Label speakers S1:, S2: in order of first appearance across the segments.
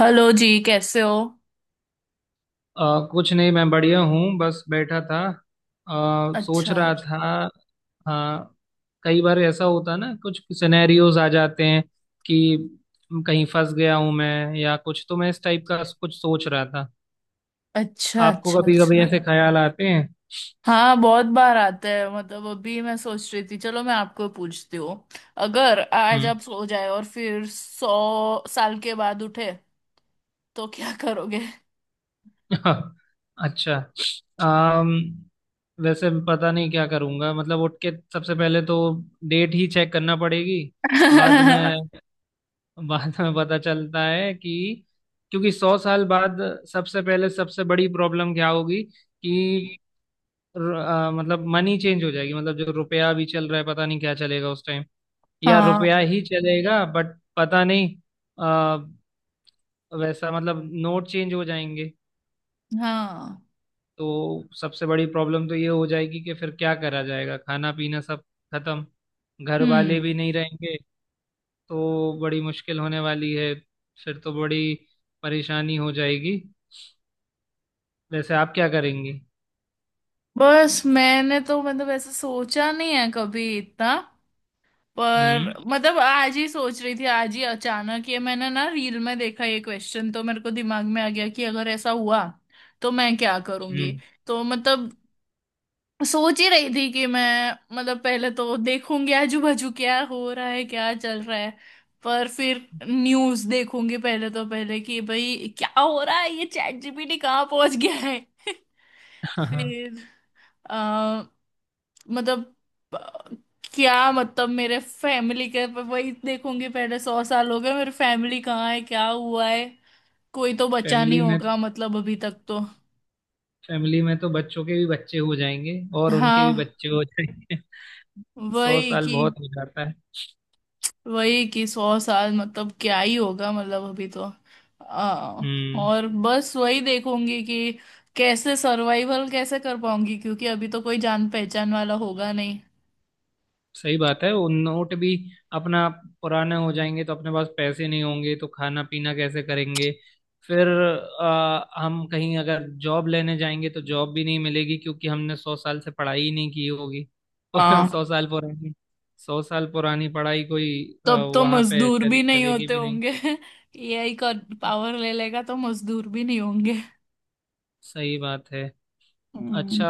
S1: Hello ji. कैसे हो?
S2: कुछ नहीं। मैं बढ़िया हूँ, बस बैठा था। सोच
S1: अच्छा,
S2: रहा था। हाँ। कई बार ऐसा होता है ना, कुछ सिनेरियोज आ जाते हैं कि कहीं फंस गया हूँ मैं या कुछ, तो मैं इस टाइप का कुछ सोच रहा था।
S1: अच्छा,
S2: आपको
S1: अच्छा,
S2: कभी कभी
S1: अच्छा।
S2: ऐसे ख्याल आते हैं?
S1: हाँ, बहुत बार आता है। मतलब अभी मैं सोच रही थी, चलो मैं आपको पूछती हूँ। अगर आज
S2: हम्म।
S1: आप सो जाए और फिर 100 साल के बाद उठे तो क्या करोगे?
S2: अच्छा। अम, वैसे पता नहीं क्या करूँगा। मतलब उठ के सबसे पहले तो डेट ही चेक करना पड़ेगी। बाद
S1: हाँ,
S2: में बाद में पता चलता है कि क्योंकि 100 साल बाद सबसे पहले सबसे बड़ी प्रॉब्लम क्या होगी कि मतलब मनी चेंज हो जाएगी। मतलब जो रुपया भी चल रहा है पता नहीं क्या चलेगा उस टाइम, या रुपया ही चलेगा बट पता नहीं। आ, वैसा मतलब नोट चेंज हो जाएंगे।
S1: हाँ।
S2: तो सबसे बड़ी प्रॉब्लम तो ये हो जाएगी कि फिर क्या करा जाएगा, खाना पीना सब खत्म, घर वाले
S1: हम्म।
S2: भी नहीं रहेंगे। तो बड़ी मुश्किल होने वाली है। फिर तो बड़ी परेशानी हो जाएगी। वैसे आप क्या करेंगी?
S1: बस, मैंने तो मतलब ऐसा सोचा नहीं है कभी इतना। पर
S2: हम्म,
S1: मतलब आज ही सोच रही थी, आज ही अचानक ये मैंने ना रील में देखा, ये क्वेश्चन तो मेरे को दिमाग में आ गया कि अगर ऐसा हुआ तो मैं क्या करूंगी।
S2: हम्म।
S1: तो मतलब सोच ही रही थी कि मैं मतलब पहले तो देखूंगी आजू बाजू क्या हो रहा है, क्या चल रहा है। पर फिर न्यूज देखूंगी पहले, तो पहले कि भाई क्या हो रहा है, ये चैट जीपीटी कहाँ पहुंच गया है।
S2: हाँ।
S1: फिर मतलब अ, क्या मतलब मेरे फैमिली के वही देखूंगी पहले, 100 साल हो गए, मेरे फैमिली कहाँ है, क्या हुआ है? कोई तो बचा नहीं
S2: फैमिली में
S1: होगा मतलब अभी तक तो।
S2: फैमिली में तो बच्चों के भी बच्चे हो जाएंगे और उनके भी
S1: हाँ,
S2: बच्चे हो जाएंगे। सौ
S1: वही
S2: साल
S1: कि
S2: बहुत हो जाता है।
S1: वही कि 100 साल मतलब क्या ही होगा, मतलब अभी तो आ,
S2: हम्म।
S1: और बस वही देखूंगी कि कैसे सर्वाइवल कैसे कर पाऊंगी, क्योंकि अभी तो कोई जान पहचान वाला होगा नहीं।
S2: सही बात है, वो नोट भी अपना पुराने हो जाएंगे तो अपने पास पैसे नहीं होंगे, तो खाना पीना कैसे करेंगे। फिर हम कहीं अगर जॉब लेने जाएंगे तो जॉब भी नहीं मिलेगी, क्योंकि हमने 100 साल से पढ़ाई ही नहीं की होगी।
S1: हाँ,
S2: सौ साल पुरानी 100 साल पुरानी पढ़ाई कोई
S1: तब तो
S2: वहां पे
S1: मजदूर भी नहीं
S2: चलेगी
S1: होते
S2: भी नहीं।
S1: होंगे। एआई का पावर ले लेगा तो मजदूर भी नहीं होंगे।
S2: सही बात है।
S1: हम्म,
S2: अच्छा।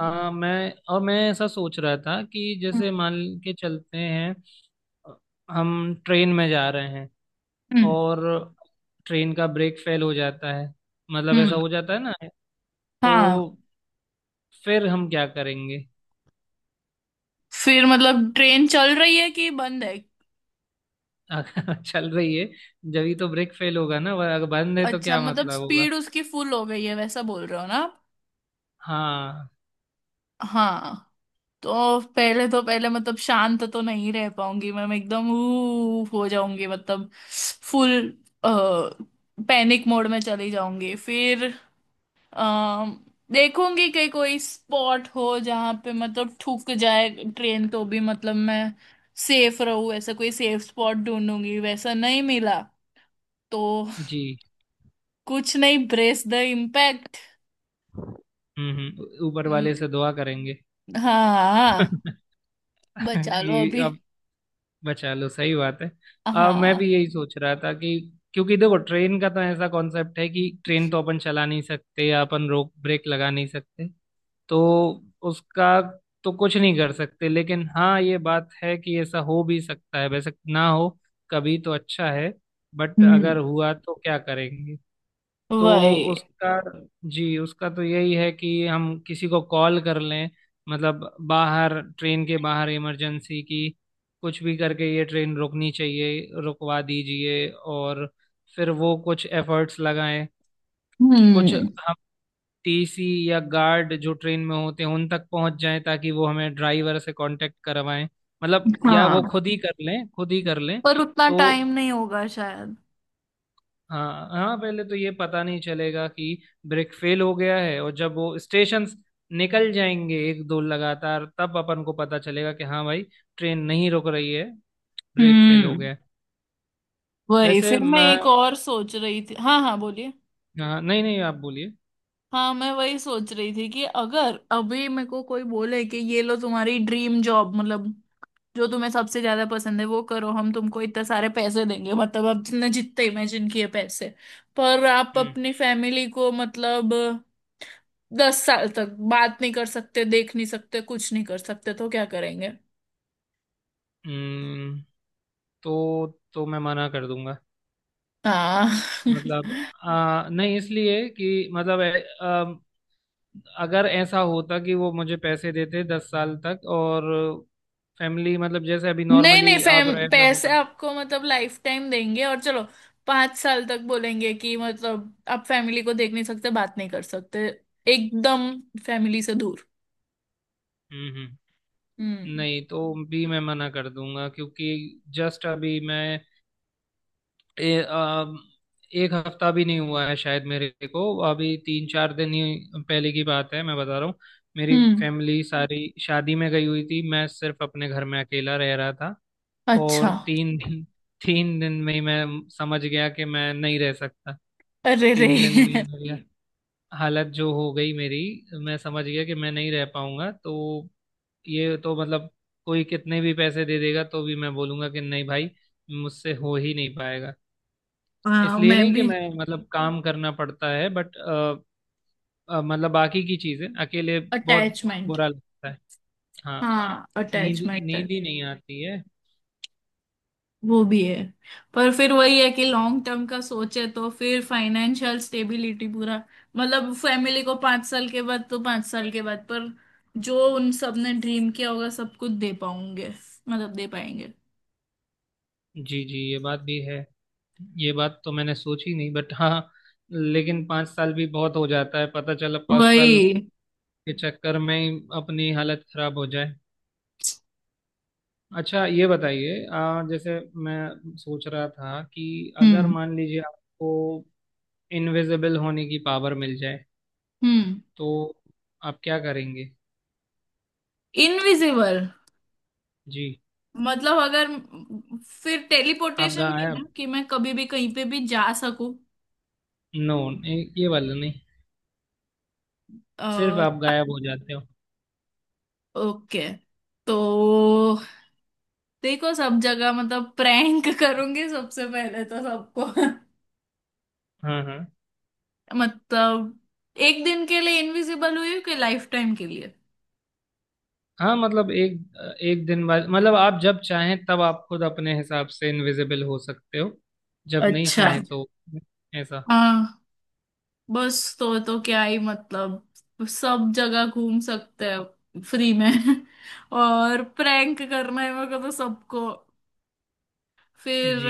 S2: मैं ऐसा सोच रहा था कि
S1: हम्म,
S2: जैसे मान के चलते हैं हम ट्रेन में जा रहे हैं
S1: हम्म,
S2: और ट्रेन का ब्रेक फेल हो जाता है। मतलब ऐसा
S1: हम्म,
S2: हो जाता है ना। तो
S1: हाँ।
S2: फिर हम क्या करेंगे?
S1: फिर मतलब ट्रेन चल रही है कि बंद है?
S2: अगर चल रही है। जब तो ब्रेक फेल होगा ना, वह अगर बंद है तो
S1: अच्छा,
S2: क्या
S1: मतलब
S2: मतलब होगा।
S1: स्पीड उसकी फुल हो गई है, वैसा बोल रहे हो ना आप?
S2: हाँ।
S1: हाँ, तो पहले मतलब शांत तो नहीं रह पाऊंगी मैं एकदम ऊफ हो जाऊंगी, मतलब फुल पैनिक मोड में चली जाऊंगी। फिर अम, देखूंगी कि कोई स्पॉट हो जहां पे मतलब ठुक जाए ट्रेन, तो भी मतलब मैं सेफ रहूं, ऐसा कोई सेफ स्पॉट ढूंढूंगी। वैसा नहीं मिला तो
S2: जी।
S1: कुछ नहीं, ब्रेस द इम्पैक्ट।
S2: हम्म, हम्म। ऊपर वाले से दुआ करेंगे।
S1: हाँ, हाँ, बचा लो
S2: कि
S1: अभी।
S2: बचा लो, सही बात है। मैं
S1: हाँ।
S2: भी यही सोच रहा था कि क्योंकि देखो ट्रेन का तो ऐसा कॉन्सेप्ट है कि ट्रेन तो अपन चला नहीं सकते या अपन रोक ब्रेक लगा नहीं सकते। तो उसका तो कुछ नहीं कर सकते, लेकिन हाँ ये बात है कि ऐसा हो भी सकता है। वैसे ना हो कभी तो अच्छा है, बट
S1: हम्म।
S2: अगर हुआ तो क्या करेंगे। तो
S1: वही।
S2: उसका जी, उसका तो यही है कि हम किसी को कॉल कर लें, मतलब बाहर, ट्रेन के बाहर, इमरजेंसी की कुछ भी करके ये ट्रेन रुकनी चाहिए, रुकवा दीजिए। और फिर वो कुछ एफर्ट्स लगाएं। कुछ
S1: हम्म।
S2: हम टीसी या गार्ड जो ट्रेन में होते हैं उन तक पहुंच जाएं ताकि वो हमें ड्राइवर से कांटेक्ट करवाएं, मतलब या वो
S1: हाँ,
S2: खुद ही कर लें, खुद ही कर लें।
S1: पर उतना
S2: तो
S1: टाइम नहीं होगा शायद।
S2: हाँ, हाँ, पहले तो ये पता नहीं चलेगा कि ब्रेक फेल हो गया है, और जब वो स्टेशंस निकल जाएंगे एक दो लगातार, तब अपन को पता चलेगा कि हाँ भाई, ट्रेन नहीं रुक रही है, ब्रेक फेल हो
S1: हम्म।
S2: गया है।
S1: वही,
S2: वैसे
S1: फिर मैं
S2: मैं
S1: एक और सोच रही थी। हाँ, हाँ, बोलिए।
S2: हाँ, नहीं, नहीं, आप बोलिए।
S1: हाँ, मैं वही सोच रही थी कि अगर अभी मेरे को कोई बोले कि ये लो तुम्हारी ड्रीम जॉब, मतलब जो तुम्हें सबसे ज्यादा पसंद है वो करो, हम तुमको इतने सारे पैसे देंगे, मतलब आपने जितने इमेजिन किए पैसे, पर आप
S2: हम्म,
S1: अपनी फैमिली को मतलब 10 साल तक बात नहीं कर सकते, देख नहीं सकते, कुछ नहीं कर सकते, तो क्या करेंगे?
S2: हम्म। तो तो मैं मना कर दूंगा।
S1: हाँ।
S2: मतलब नहीं, इसलिए कि मतलब अगर ऐसा होता कि वो मुझे पैसे देते 10 साल तक, और फैमिली मतलब जैसे अभी
S1: नहीं, नहीं,
S2: नॉर्मली
S1: फैम
S2: आप रह रहे हो।
S1: पैसे आपको मतलब लाइफ टाइम देंगे और चलो 5 साल तक बोलेंगे कि मतलब आप फैमिली को देख नहीं सकते, बात नहीं कर सकते, एकदम फैमिली से दूर।
S2: हम्म, हम्म।
S1: हम्म।
S2: नहीं तो भी मैं मना कर दूंगा, क्योंकि जस्ट अभी मैं ए, आ, एक हफ्ता भी नहीं हुआ है शायद मेरे को। अभी 3-4 दिन ही पहले की बात है, मैं बता रहा हूँ। मेरी
S1: हम्म।
S2: फैमिली सारी शादी में गई हुई थी, मैं सिर्फ अपने घर में अकेला रह रहा था। और
S1: अच्छा।
S2: तीन दिन में ही मैं समझ गया कि मैं नहीं रह सकता।
S1: अरे रे।
S2: 3 दिन में ही मेरी हालत जो हो गई मेरी, मैं समझ गया कि मैं नहीं रह पाऊंगा। तो ये तो मतलब कोई कितने भी पैसे दे देगा तो भी मैं बोलूंगा कि नहीं भाई, मुझसे हो ही नहीं पाएगा।
S1: हाँ,
S2: इसलिए
S1: मैं
S2: नहीं कि
S1: भी।
S2: मैं मतलब काम करना पड़ता है, बट मतलब बाकी की चीजें अकेले बहुत
S1: अटैचमेंट।
S2: बुरा लगता है। हाँ।
S1: हाँ,
S2: नींद
S1: अटैचमेंट।
S2: नींद ही नहीं आती है।
S1: वो भी है। पर फिर वही है कि लॉन्ग टर्म का सोचे तो फिर फाइनेंशियल स्टेबिलिटी पूरा, मतलब फैमिली को, 5 साल के बाद तो, 5 साल के बाद पर जो उन सब ने ड्रीम किया होगा सब कुछ दे पाऊंगे, मतलब दे पाएंगे।
S2: जी, जी, ये बात भी है, ये बात तो मैंने सोची नहीं, बट हाँ। लेकिन 5 साल भी बहुत हो जाता है, पता चला 5 साल
S1: वही।
S2: के चक्कर में ही अपनी हालत खराब हो जाए। अच्छा, ये बताइए, जैसे मैं सोच रहा था कि अगर
S1: हम्म।
S2: मान लीजिए आपको इनविजिबल होने की पावर मिल जाए,
S1: हम्म।
S2: तो आप क्या करेंगे?
S1: इनविजिबल?
S2: जी।
S1: मतलब अगर फिर
S2: आप
S1: टेलीपोर्टेशन भी ना
S2: गायब।
S1: कि मैं कभी भी कहीं पे भी जा सकूं?
S2: नो, ये वाला नहीं, सिर्फ आप गायब हो जाते हो।
S1: ओके। तो देखो, सब जगह मतलब प्रैंक करूंगी सबसे पहले तो सबको।
S2: हाँ, हाँ,
S1: मतलब एक दिन के लिए इनविजिबल हुई हूँ कि लाइफ टाइम के लिए?
S2: हाँ, मतलब एक एक दिन बाद, मतलब आप जब चाहें तब आप खुद अपने हिसाब से इनविजिबल हो सकते हो, जब नहीं
S1: अच्छा।
S2: चाहें तो ऐसा।
S1: हाँ। बस, तो क्या ही मतलब, सब जगह घूम सकते हैं फ्री में। और प्रैंक करना है मेरे को तो सबको। फिर
S2: जी।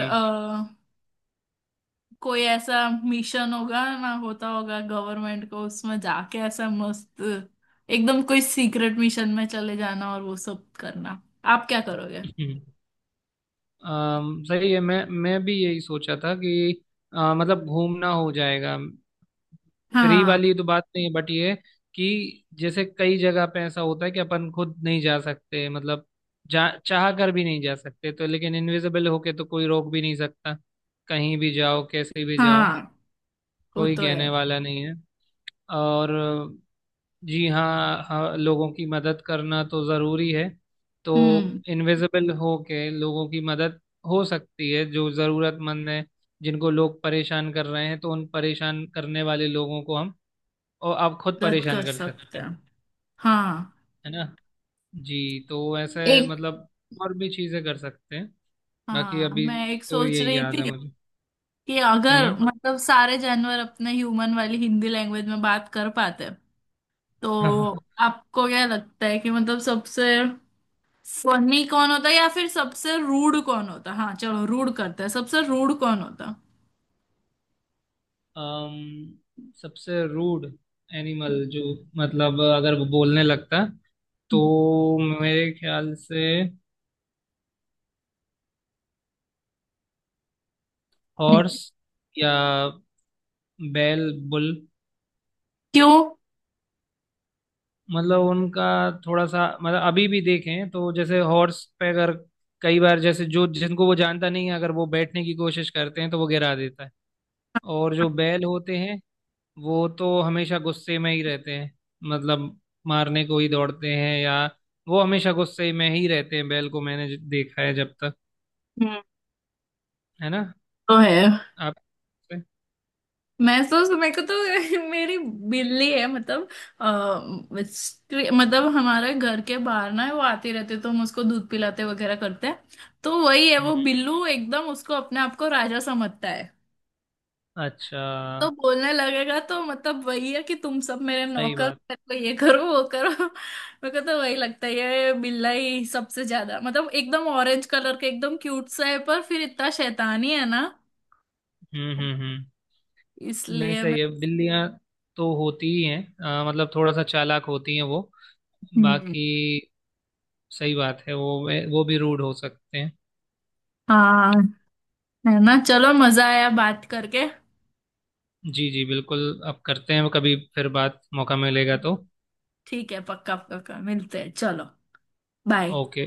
S1: कोई ऐसा मिशन होगा ना, होता होगा गवर्नमेंट को, उसमें जाके ऐसा मस्त एकदम कोई सीक्रेट मिशन में चले जाना और वो सब करना। आप क्या करोगे?
S2: सही है, मैं भी यही सोचा था कि मतलब घूमना हो जाएगा। फ्री
S1: हाँ,
S2: वाली तो बात नहीं है, बट ये है कि जैसे कई जगह पे ऐसा होता है कि अपन खुद नहीं जा सकते, मतलब जा चाह कर भी नहीं जा सकते तो। लेकिन इनविजिबल होके तो कोई रोक भी नहीं सकता, कहीं भी जाओ, कैसे भी जाओ,
S1: हाँ, वो
S2: कोई
S1: तो है।
S2: कहने वाला नहीं है। और जी, हाँ, हाँ, लोगों की मदद करना तो ज़रूरी है। तो
S1: हम्म।
S2: इनविजिबल हो के लोगों की मदद हो सकती है, जो ज़रूरतमंद है, जिनको लोग परेशान कर रहे हैं, तो उन परेशान करने वाले लोगों को हम और आप खुद
S1: मदद
S2: परेशान
S1: कर
S2: कर
S1: सकते
S2: सकते हैं,
S1: हैं। हाँ।
S2: है ना। जी, तो ऐसे
S1: एक
S2: मतलब और भी चीज़ें कर सकते हैं। बाकी
S1: हाँ,
S2: अभी
S1: मैं एक
S2: तो
S1: सोच
S2: यही
S1: रही
S2: याद
S1: थी
S2: है मुझे।
S1: कि अगर
S2: हम्म।
S1: मतलब सारे जानवर अपने ह्यूमन वाली हिंदी लैंग्वेज में बात कर पाते तो आपको क्या लगता है कि मतलब सबसे फनी कौन होता है, या फिर सबसे रूड कौन होता? हाँ, चलो, रूड करते हैं, सबसे रूड कौन होता?
S2: अम, सबसे रूड एनिमल जो, मतलब अगर वो बोलने लगता, तो मेरे ख्याल से
S1: हम्म।
S2: हॉर्स, या बैल, बुल।
S1: क्यों?
S2: मतलब उनका थोड़ा सा, मतलब अभी भी देखें तो जैसे हॉर्स पे अगर कई बार, जैसे जो जिनको वो जानता नहीं है अगर वो बैठने की कोशिश करते हैं तो वो गिरा देता है। और जो बैल होते हैं वो तो हमेशा गुस्से में ही रहते हैं, मतलब मारने को ही दौड़ते हैं, या वो हमेशा गुस्से में ही रहते हैं। बैल को मैंने देखा है जब तक,
S1: हम्म,
S2: है ना।
S1: तो है।
S2: आप। हम्म,
S1: मैं तो, मेरे को तो मेरी बिल्ली है, मतलब मतलब हमारे घर के बाहर ना है, वो आती रहती है, तो हम उसको दूध पिलाते वगैरह करते हैं। तो वही है, वो
S2: हम्म।
S1: बिल्लू एकदम उसको अपने आप को राजा समझता है।
S2: अच्छा,
S1: तो बोलने लगेगा तो मतलब वही है कि तुम सब मेरे
S2: सही
S1: नौकर,
S2: बात।
S1: मेरे को ये करो वो करो। मेरे को तो वही लगता है ये बिल्ला ही सबसे ज्यादा, मतलब एकदम ऑरेंज कलर के एकदम क्यूट सा है पर फिर इतना शैतानी है ना।
S2: हम्म, हम्म, हम्म। नहीं,
S1: इसलिए मैं।
S2: सही है, बिल्लियां तो होती ही हैं, मतलब थोड़ा सा चालाक होती हैं वो।
S1: हम्म।
S2: बाकी सही बात है, वो भी रूड हो सकते हैं।
S1: हाँ, है ना, चलो, मजा आया बात करके।
S2: जी, जी, बिल्कुल। अब करते हैं कभी फिर बात, मौका मिलेगा तो।
S1: ठीक है, पक्का पक्का मिलते हैं, चलो। बाय।
S2: ओके।